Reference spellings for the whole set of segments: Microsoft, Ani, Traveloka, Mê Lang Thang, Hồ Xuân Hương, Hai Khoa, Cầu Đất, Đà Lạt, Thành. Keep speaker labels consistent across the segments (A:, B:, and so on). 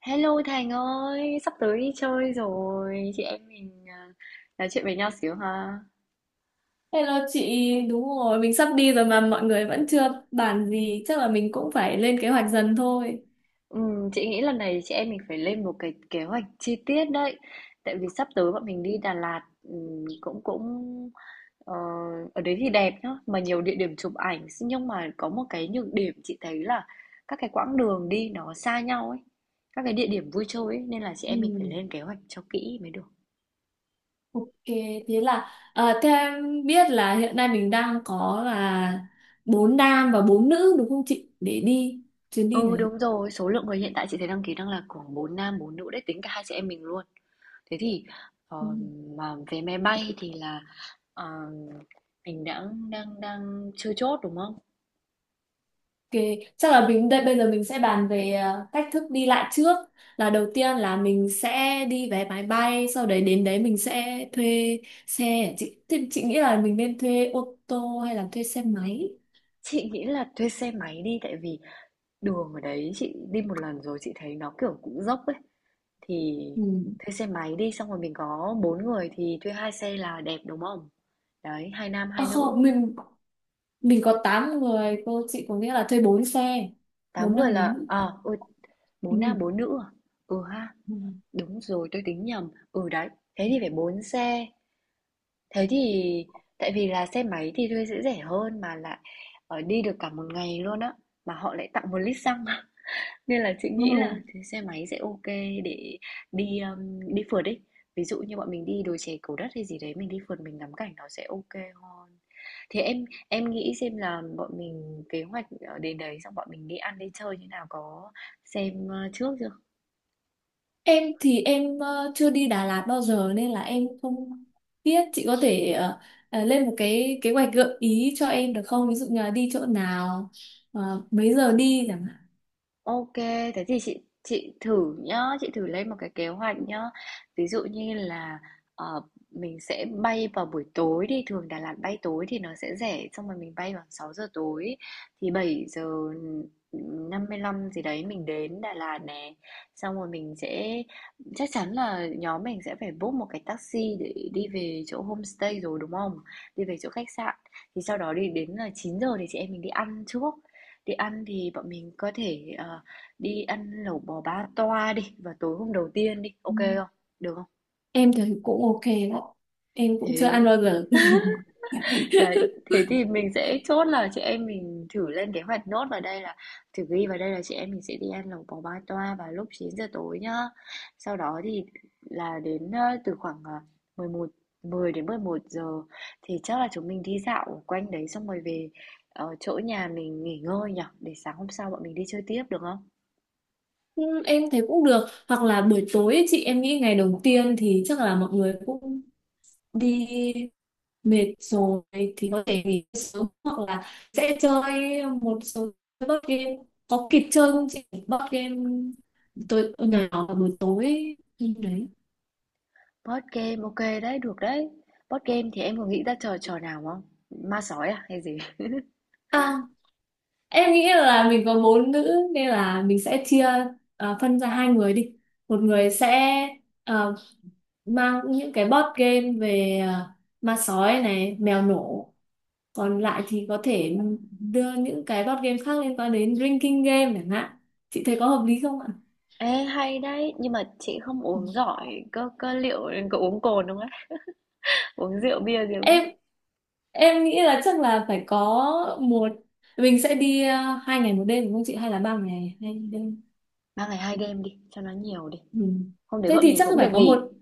A: Hello Thành ơi, sắp tới đi chơi rồi, chị em mình à, nói chuyện với nhau xíu ha.
B: Hello chị, đúng rồi, mình sắp đi rồi mà mọi người vẫn chưa bàn gì, chắc là mình cũng phải lên kế hoạch dần thôi.
A: Chị nghĩ lần này chị em mình phải lên một cái kế hoạch chi tiết đấy, tại vì sắp tới bọn mình đi Đà Lạt, cũng cũng ờ, ở đấy thì đẹp nhá, mà nhiều địa điểm chụp ảnh, nhưng mà có một cái nhược điểm chị thấy là các cái quãng đường đi nó xa nhau ấy, các cái địa điểm vui chơi ấy, nên là chị
B: Ừ.
A: em mình phải lên kế hoạch cho kỹ mới được.
B: Ok, thế là theo em biết là hiện nay mình đang có là bốn nam và bốn nữ đúng không chị? Để đi chuyến đi
A: Ừ,
B: này.
A: đúng rồi, số lượng người hiện tại chị thấy đăng ký đang là khoảng 4 nam 4 nữ đấy, tính cả hai chị em mình luôn. Thế thì
B: Ừ.
A: ờ, mà vé máy bay thì là ờ, mình đã đang đang chưa chốt đúng không?
B: Ok, chắc là mình đây bây giờ mình sẽ bàn về cách thức đi lại trước. Là đầu tiên là mình sẽ đi vé máy bay, sau đấy đến đấy mình sẽ thuê xe. Chị, thì chị nghĩ là mình nên thuê ô tô hay là thuê xe máy?
A: Chị nghĩ là thuê xe máy đi tại vì đường ở đấy chị đi một lần rồi chị thấy nó kiểu cũng dốc ấy, thì
B: Ừ.
A: thuê xe máy đi xong rồi mình có bốn người thì thuê hai xe là đẹp đúng không? Đấy, hai nam
B: À
A: hai nữ,
B: không, mình có 8 người, cô chị có nghĩa là thuê 4 xe, 4
A: tám người
B: nam 4
A: là
B: nữ.
A: à ôi bốn nam
B: Ừ.
A: bốn nữ à? Ừ ha.
B: Ừ.
A: Đúng rồi, tôi tính nhầm. Ừ, đấy, thế thì phải 4 xe. Thế thì tại vì là xe máy thì thuê sẽ rẻ hơn mà lại đi được cả một ngày luôn á, mà họ lại tặng 1 lít xăng nên là chị
B: Ừ.
A: nghĩ là thì xe máy sẽ ok để đi, đi phượt đi. Ví dụ như bọn mình đi đồi chè Cầu Đất hay gì đấy, mình đi phượt mình ngắm cảnh nó sẽ ok hơn. Thì em nghĩ xem là bọn mình kế hoạch, đến đấy xong bọn mình đi ăn đi chơi như nào, có xem trước chưa?
B: Em thì em chưa đi Đà Lạt bao giờ nên là em không biết chị có thể lên một cái kế hoạch gợi ý cho em được không? Ví dụ như là đi chỗ nào, mấy giờ đi chẳng hạn.
A: Ok, thế thì chị thử nhá, chị thử lên một cái kế hoạch nhá. Ví dụ như là ờ, mình sẽ bay vào buổi tối đi, thường Đà Lạt bay tối thì nó sẽ rẻ, xong rồi mình bay vào 6 giờ tối thì 7:55 gì đấy mình đến Đà Lạt nè. Xong rồi mình sẽ chắc chắn là nhóm mình sẽ phải book một cái taxi để đi về chỗ homestay rồi đúng không? Đi về chỗ khách sạn. Thì sau đó đi đến là 9 giờ thì chị em mình đi ăn trước. Đi ăn thì bọn mình có thể, đi ăn lẩu bò ba toa đi vào tối hôm đầu tiên đi,
B: Ừ.
A: OK không? Được không?
B: Em thì cũng ok đó. Em cũng chưa ăn
A: Thế
B: bao giờ.
A: đấy, thế thì mình sẽ chốt là chị em mình thử lên kế hoạch nốt vào đây là thử ghi vào đây là chị em mình sẽ đi ăn lẩu bò ba toa vào lúc 9 giờ tối nhá. Sau đó thì là đến, từ khoảng, 11 10 đến 11 giờ thì chắc là chúng mình đi dạo quanh đấy xong rồi về, chỗ nhà mình nghỉ ngơi nhở, để sáng hôm sau bọn mình đi chơi tiếp được không?
B: Ừ, em thấy cũng được, hoặc là buổi tối ấy, chị em nghĩ ngày đầu tiên thì chắc là mọi người cũng đi mệt rồi thì có thể nghỉ sớm, hoặc là sẽ chơi một số board game, có kịp chơi không chị, board game tối nhỏ vào buổi tối ấy. Ừ, đấy,
A: Board game, ok đấy, được đấy. Board game thì em có nghĩ ra trò trò nào không? Ma sói à hay gì?
B: à, em nghĩ là mình có bốn nữ nên là mình sẽ chia, phân ra hai người đi, một người sẽ à, mang những cái board game về, ma sói này, mèo nổ, còn lại thì có thể đưa những cái board game khác liên quan đến drinking game chẳng hạn, chị thấy có hợp lý không ạ?
A: Ê hay đấy, nhưng mà chị không
B: Ừ.
A: uống giỏi cơ cơ liệu có uống cồn đúng không ấy? Uống rượu bia gì không ấy?
B: em em nghĩ là chắc là phải có một, mình sẽ đi hai ngày một đêm đúng không chị, hay là ba ngày hai đêm.
A: 3 ngày 2 đêm đi, cho nó nhiều đi.
B: Ừ.
A: Hôm đấy
B: Thế
A: bọn
B: thì
A: mình
B: chắc
A: cũng
B: phải
A: được
B: có
A: nghỉ.
B: một,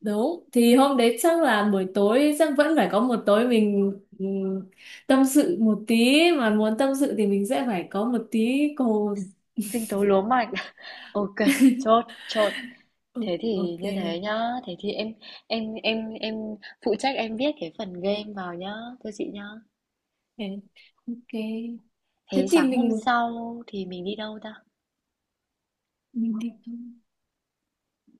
B: đúng thì hôm đấy chắc là buổi tối chắc vẫn phải có một tối mình, ừ, tâm sự một tí, mà muốn tâm sự thì mình sẽ phải có một tí cồn.
A: Sinh tố lúa mạch. Ok, chốt, chốt.
B: Ừ,
A: Thế thì
B: ok.
A: như thế nhá, thế thì em phụ trách em viết cái phần game vào nhá, thưa chị nhá.
B: Ok ok Thế
A: Thế
B: thì
A: sáng hôm
B: mình
A: sau thì mình đi đâu ta?
B: Mình tìm thôi.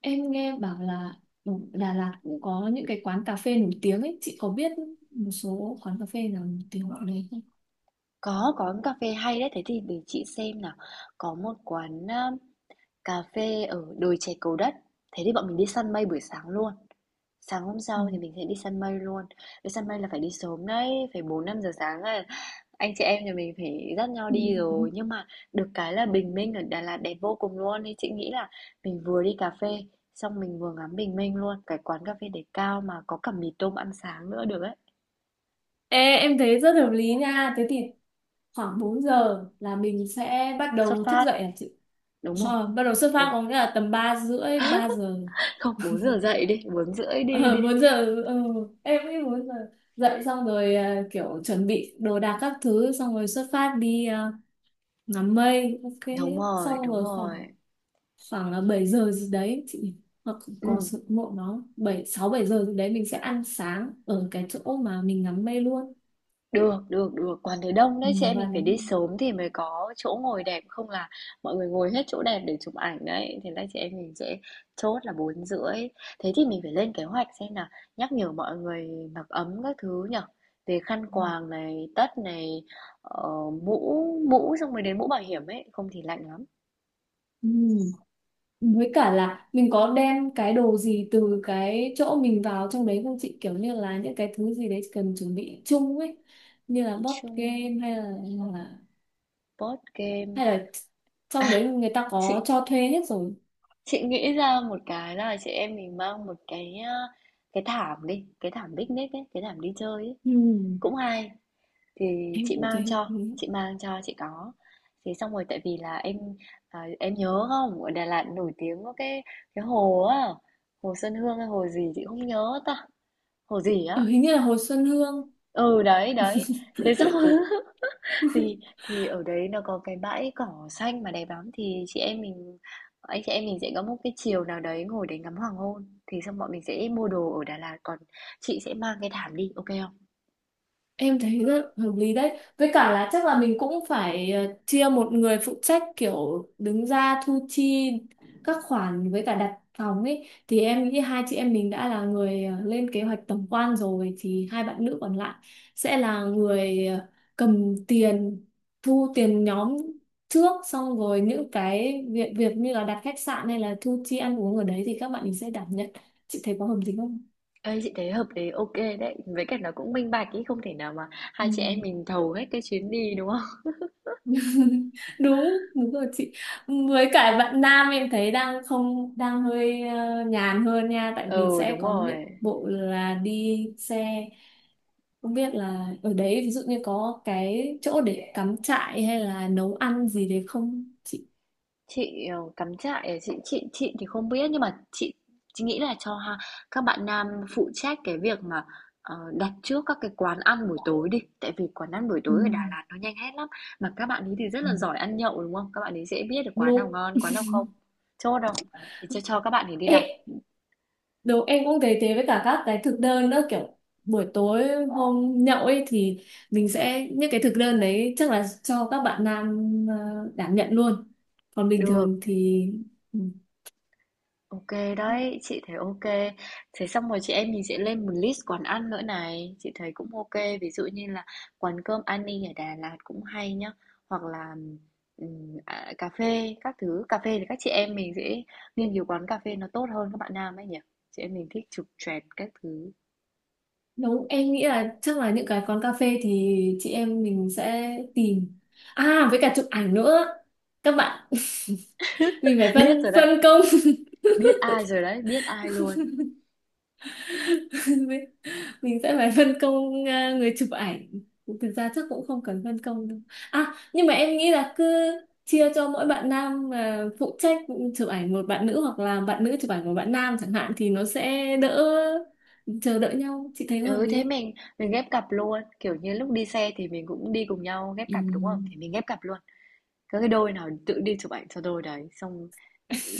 B: Em nghe bảo là ở Đà Lạt cũng có những cái quán cà phê nổi tiếng ấy. Chị có biết một số quán cà phê nào nổi tiếng ở đấy không?
A: Có quán cà phê hay đấy, thế thì để chị xem nào. Có một quán, cà phê ở đồi chè Cầu Đất, thế thì bọn mình đi săn mây buổi sáng luôn. Sáng hôm
B: Ừ.
A: sau thì mình sẽ đi săn mây luôn. Đi săn mây là phải đi sớm đấy, phải 4 5 giờ sáng là anh chị em nhà mình phải dắt nhau
B: Ừ.
A: đi rồi. Nhưng mà được cái là bình minh ở Đà Lạt đẹp vô cùng luôn, nên chị nghĩ là mình vừa đi cà phê, xong mình vừa ngắm bình minh luôn. Cái quán cà phê để cao mà có cả mì tôm ăn sáng nữa được ấy.
B: Ê, em thấy rất hợp lý nha. Thế thì khoảng 4 giờ là mình sẽ bắt
A: Xuất
B: đầu thức
A: phát,
B: dậy à chị?
A: đúng không?
B: Ờ, bắt đầu xuất
A: Ừ.
B: phát có nghĩa là tầm 3 rưỡi, 3 giờ.
A: Không, 4 giờ dậy đi, 4:30 đi đi.
B: Ờ, 4 giờ, ừ, em nghĩ 4 giờ. Dậy xong rồi, kiểu chuẩn bị đồ đạc các thứ, xong rồi xuất phát đi, ngắm mây. Ok,
A: Đúng rồi,
B: xong
A: đúng
B: rồi khoảng,
A: rồi.
B: khoảng là 7 giờ gì đấy chị, hoặc có
A: Ừm,
B: sự muộn nó 7 6 7 giờ gì đấy mình sẽ ăn sáng ở cái chỗ mà mình ngắm mây luôn.
A: được, được, được, quán đấy đông
B: Ừ,
A: đấy, chị em
B: và
A: mình
B: nó,
A: phải đi sớm thì mới có chỗ ngồi đẹp, không là mọi người ngồi hết chỗ đẹp để chụp ảnh đấy. Thế là chị em mình sẽ chốt là 4:30. Thế thì mình phải lên kế hoạch xem là nhắc nhở mọi người mặc ấm các thứ nhở. Về khăn quàng này, tất này, ờ, mũ, xong rồi đến mũ bảo hiểm ấy, không thì lạnh lắm.
B: ừ, với cả là mình có đem cái đồ gì từ cái chỗ mình vào trong đấy không chị, kiểu như là những cái thứ gì đấy cần chuẩn bị chung ấy, như là board
A: Chung,
B: game hay là, hoặc là
A: board game.
B: hay là
A: À,
B: trong đấy người ta
A: chị
B: có cho thuê hết rồi.
A: Chị nghĩ ra một cái là chị em mình mang một cái, cái thảm đi, cái thảm picnic ấy, cái thảm đi chơi ấy.
B: Ừ.
A: Cũng hay. Thì
B: Em
A: chị
B: cũng thấy
A: mang
B: hợp
A: cho,
B: lý.
A: chị mang cho chị có. Thì xong rồi tại vì là em à, em nhớ không, ở Đà Lạt nổi tiếng có cái hồ á, hồ Xuân Hương hay hồ gì chị không nhớ ta. Hồ gì á?
B: Ờ, hình như là hồi Xuân Hương.
A: Ừ đấy, đấy. Thế xong Thì thì ở đấy nó có cái bãi cỏ xanh mà đẹp lắm, thì chị em mình anh chị em mình sẽ có một cái chiều nào đấy ngồi để ngắm hoàng hôn, thì xong bọn mình sẽ mua đồ ở Đà Lạt, còn chị sẽ mang cái thảm đi, ok không?
B: Em thấy rất hợp lý đấy. Với cả là chắc là mình cũng phải, chia một người phụ trách kiểu đứng ra thu chi các khoản với cả đặt phòng ấy. Thì em nghĩ hai chị em mình đã là người, lên kế hoạch tổng quan rồi thì hai bạn nữ còn lại sẽ là người, cầm tiền, thu tiền nhóm trước, xong rồi những cái việc việc như là đặt khách sạn hay là thu chi ăn uống ở đấy thì các bạn mình sẽ đảm nhận. Chị thấy có hợp lý không?
A: Ê, chị thấy hợp lý, ok đấy, với cả nó cũng minh bạch ý, không thể nào mà
B: Ừ.
A: hai chị em mình thầu hết cái chuyến đi đúng không?
B: đúng đúng rồi chị, với cả bạn nam em thấy đang không đang hơi, nhàn hơn nha, tại vì
A: Ừ,
B: sẽ
A: đúng
B: có những
A: rồi.
B: bộ là đi xe, không biết là ở đấy ví dụ như có cái chỗ để cắm trại hay là nấu ăn gì đấy không chị.
A: Chị, cắm trại à? Chị thì không biết nhưng mà chị nghĩ là cho ha, các bạn nam phụ trách cái việc mà, đặt trước các cái quán ăn buổi tối đi, tại vì quán ăn buổi
B: Ừ.
A: tối ở Đà Lạt nó nhanh hết lắm. Mà các bạn ấy thì rất
B: Ừ.
A: là giỏi ăn nhậu đúng không? Các bạn ấy dễ biết được quán nào
B: Đúng.
A: ngon, quán nào không. Chốt không? Thì cho các bạn ấy đi
B: Ê,
A: đặt.
B: đúng, em cũng thấy thế, với cả các cái thực đơn nữa kiểu buổi tối hôm nhậu ấy thì mình sẽ, những cái thực đơn đấy chắc là cho các bạn nam, đảm nhận luôn, còn bình
A: Được,
B: thường thì, ừ,
A: OK đấy, chị thấy OK. Thế xong rồi chị em mình sẽ lên một list quán ăn nữa này, chị thấy cũng OK. Ví dụ như là quán cơm Ani ở Đà Lạt cũng hay nhá, hoặc là à, cà phê các thứ. Cà phê thì các chị em mình sẽ nghiên cứu quán cà phê nó tốt hơn các bạn nam ấy nhỉ. Chị em mình thích chụp choẹt các thứ.
B: đúng. Em nghĩ là chắc là những cái quán cà phê thì chị em mình sẽ tìm, với cả chụp ảnh nữa các bạn. Mình phải
A: Biết
B: phân
A: rồi đấy,
B: phân công.
A: biết ai rồi đấy, biết ai luôn.
B: Mình sẽ phải phân công, người chụp ảnh, thực ra chắc cũng không cần phân công đâu, nhưng mà em nghĩ là cứ chia cho mỗi bạn nam, phụ trách chụp ảnh một bạn nữ, hoặc là bạn nữ chụp ảnh một bạn nam chẳng hạn, thì nó sẽ đỡ chờ đợi nhau, chị thấy có hợp
A: Ừ
B: lý
A: thế
B: không?
A: mình ghép cặp luôn, kiểu như lúc đi xe thì mình cũng đi cùng nhau ghép cặp đúng không? Thì
B: Ừ.
A: mình ghép cặp luôn. Các cái đôi nào tự đi chụp ảnh cho đôi đấy xong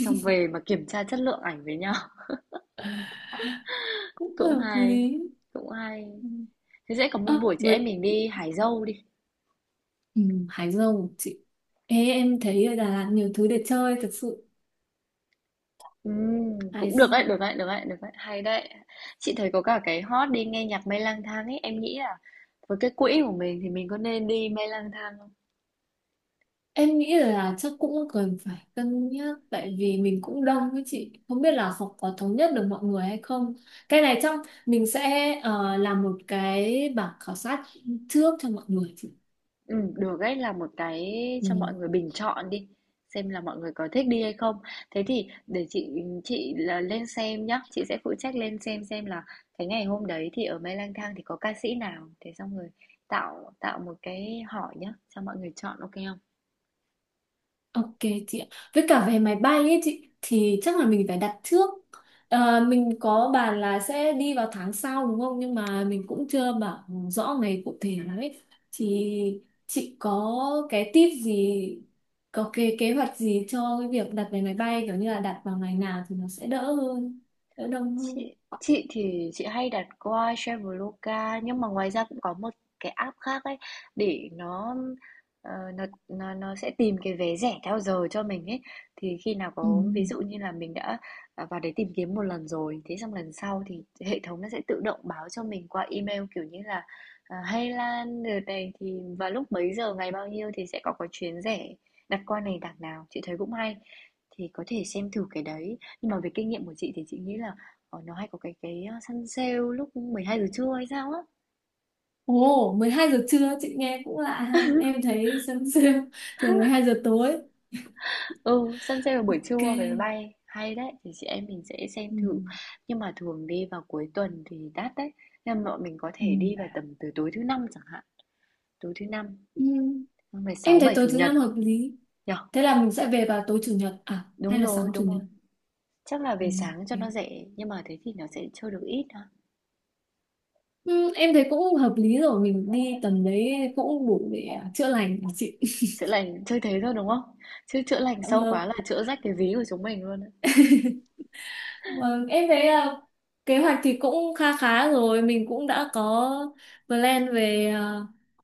A: xong về mà kiểm tra chất lượng ảnh với nhau
B: Cũng
A: cũng
B: hợp
A: hay,
B: lý.
A: cũng hay.
B: Ừ.
A: Thế sẽ có một
B: Ơ,
A: buổi chị em
B: với,
A: mình đi hái dâu đi.
B: ừ, Hải Dương chị. Ê, em thấy ở Đà Lạt nhiều thứ để chơi thật sự. Hải.
A: Cũng được đấy, được đấy, được đấy, được đấy, hay đấy, chị thấy có cả cái hot đi nghe nhạc mây lang thang ấy, em nghĩ là với cái quỹ của mình thì mình có nên đi mây lang thang.
B: Em nghĩ là chắc cũng cần phải cân nhắc, tại vì mình cũng đông, với chị không biết là học có thống nhất được mọi người hay không, cái này trong, mình sẽ, làm một cái bảng khảo sát trước cho mọi người chị.
A: Ừ, được ấy là một cái
B: Ừ.
A: cho mọi người bình chọn đi, xem là mọi người có thích đi hay không. Thế thì để chị là lên xem nhá, chị sẽ phụ trách lên xem là cái ngày hôm đấy thì ở Mê Lang Thang thì có ca sĩ nào, thế xong rồi tạo tạo một cái hỏi nhá cho mọi người chọn ok không.
B: Ok chị ạ. Với cả về máy bay ấy chị thì chắc là mình phải đặt trước. Ờ, mình có bàn là sẽ đi vào tháng sau đúng không? Nhưng mà mình cũng chưa bảo rõ ngày cụ thể lắm ấy. Thì chị có cái tip gì, có cái kế hoạch gì cho cái việc đặt vé máy bay kiểu như là đặt vào ngày nào thì nó sẽ đỡ hơn, đỡ đông hơn.
A: Chị thì chị hay đặt qua Traveloka nhưng mà ngoài ra cũng có một cái app khác ấy để nó, nó sẽ tìm cái vé rẻ theo giờ cho mình ấy, thì khi nào
B: Ừ.
A: có ví dụ như là mình đã, vào đấy tìm kiếm một lần rồi thế xong lần sau thì hệ thống nó sẽ tự động báo cho mình qua email kiểu như là, hey Lan đợt này thì vào lúc mấy giờ ngày bao nhiêu thì sẽ có chuyến rẻ, đặt qua này đặt nào chị thấy cũng hay, thì có thể xem thử cái đấy nhưng mà về kinh nghiệm của chị thì chị nghĩ là nó hay có săn sale lúc 12 giờ trưa hay sao á.
B: Ồ, 12 giờ trưa chị nghe cũng lạ ha. Em thấy sớm, sớm, thường 12 giờ tối.
A: Ừ, săn sale vào buổi
B: Ok.
A: trưa về máy bay, hay đấy, thì chị em mình sẽ xem
B: Ừ.
A: thử. Nhưng mà thường đi vào cuối tuần thì đắt đấy, nên bọn mình có
B: Ừ.
A: thể đi vào tầm từ tối thứ Năm chẳng hạn, tối thứ Năm,
B: Ừ.
A: ngày
B: Em
A: 6
B: thấy
A: 7
B: tối
A: Chủ
B: thứ
A: nhật
B: năm hợp lý.
A: nhở.
B: Thế là mình sẽ về vào tối chủ nhật à
A: Đúng
B: hay là
A: rồi,
B: sáng chủ
A: đúng rồi.
B: nhật?
A: Chắc là
B: Ừ.
A: về sáng cho nó
B: Ok.
A: rẻ, nhưng mà thế thì nó sẽ chơi được ít ha.
B: Ừ, em thấy cũng hợp lý rồi, mình đi tầm đấy cũng đủ để, chữa lành của chị.
A: Chữa lành chơi thế thôi đúng không? Chứ chữa lành
B: Dạ
A: sâu quá
B: vâng.
A: là chữa rách cái ví của chúng mình luôn.
B: Vâng, em thấy, kế hoạch thì cũng kha khá rồi, mình cũng đã có plan về,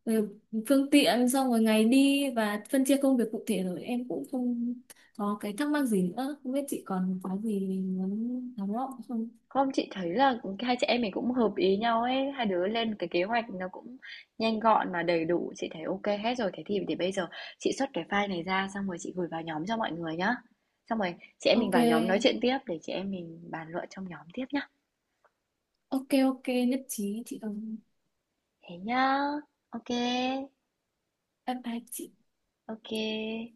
B: về phương tiện, xong rồi ngày đi và phân chia công việc cụ thể rồi. Em cũng không có cái thắc mắc gì nữa. Không biết chị còn có gì muốn thắc mắc không?
A: Không, chị thấy là hai chị em mình cũng hợp ý nhau ấy, hai đứa lên cái kế hoạch nó cũng nhanh gọn mà đầy đủ, chị thấy ok hết rồi. Thế thì để bây giờ chị xuất cái file này ra xong rồi chị gửi vào nhóm cho mọi người nhá. Xong rồi chị em mình
B: Ok,
A: vào nhóm nói chuyện tiếp để chị em mình bàn luận trong nhóm tiếp nhá.
B: ok, nhất trí chị đồng.
A: Thế nhá. Ok.
B: Bye bye chị.
A: Ok.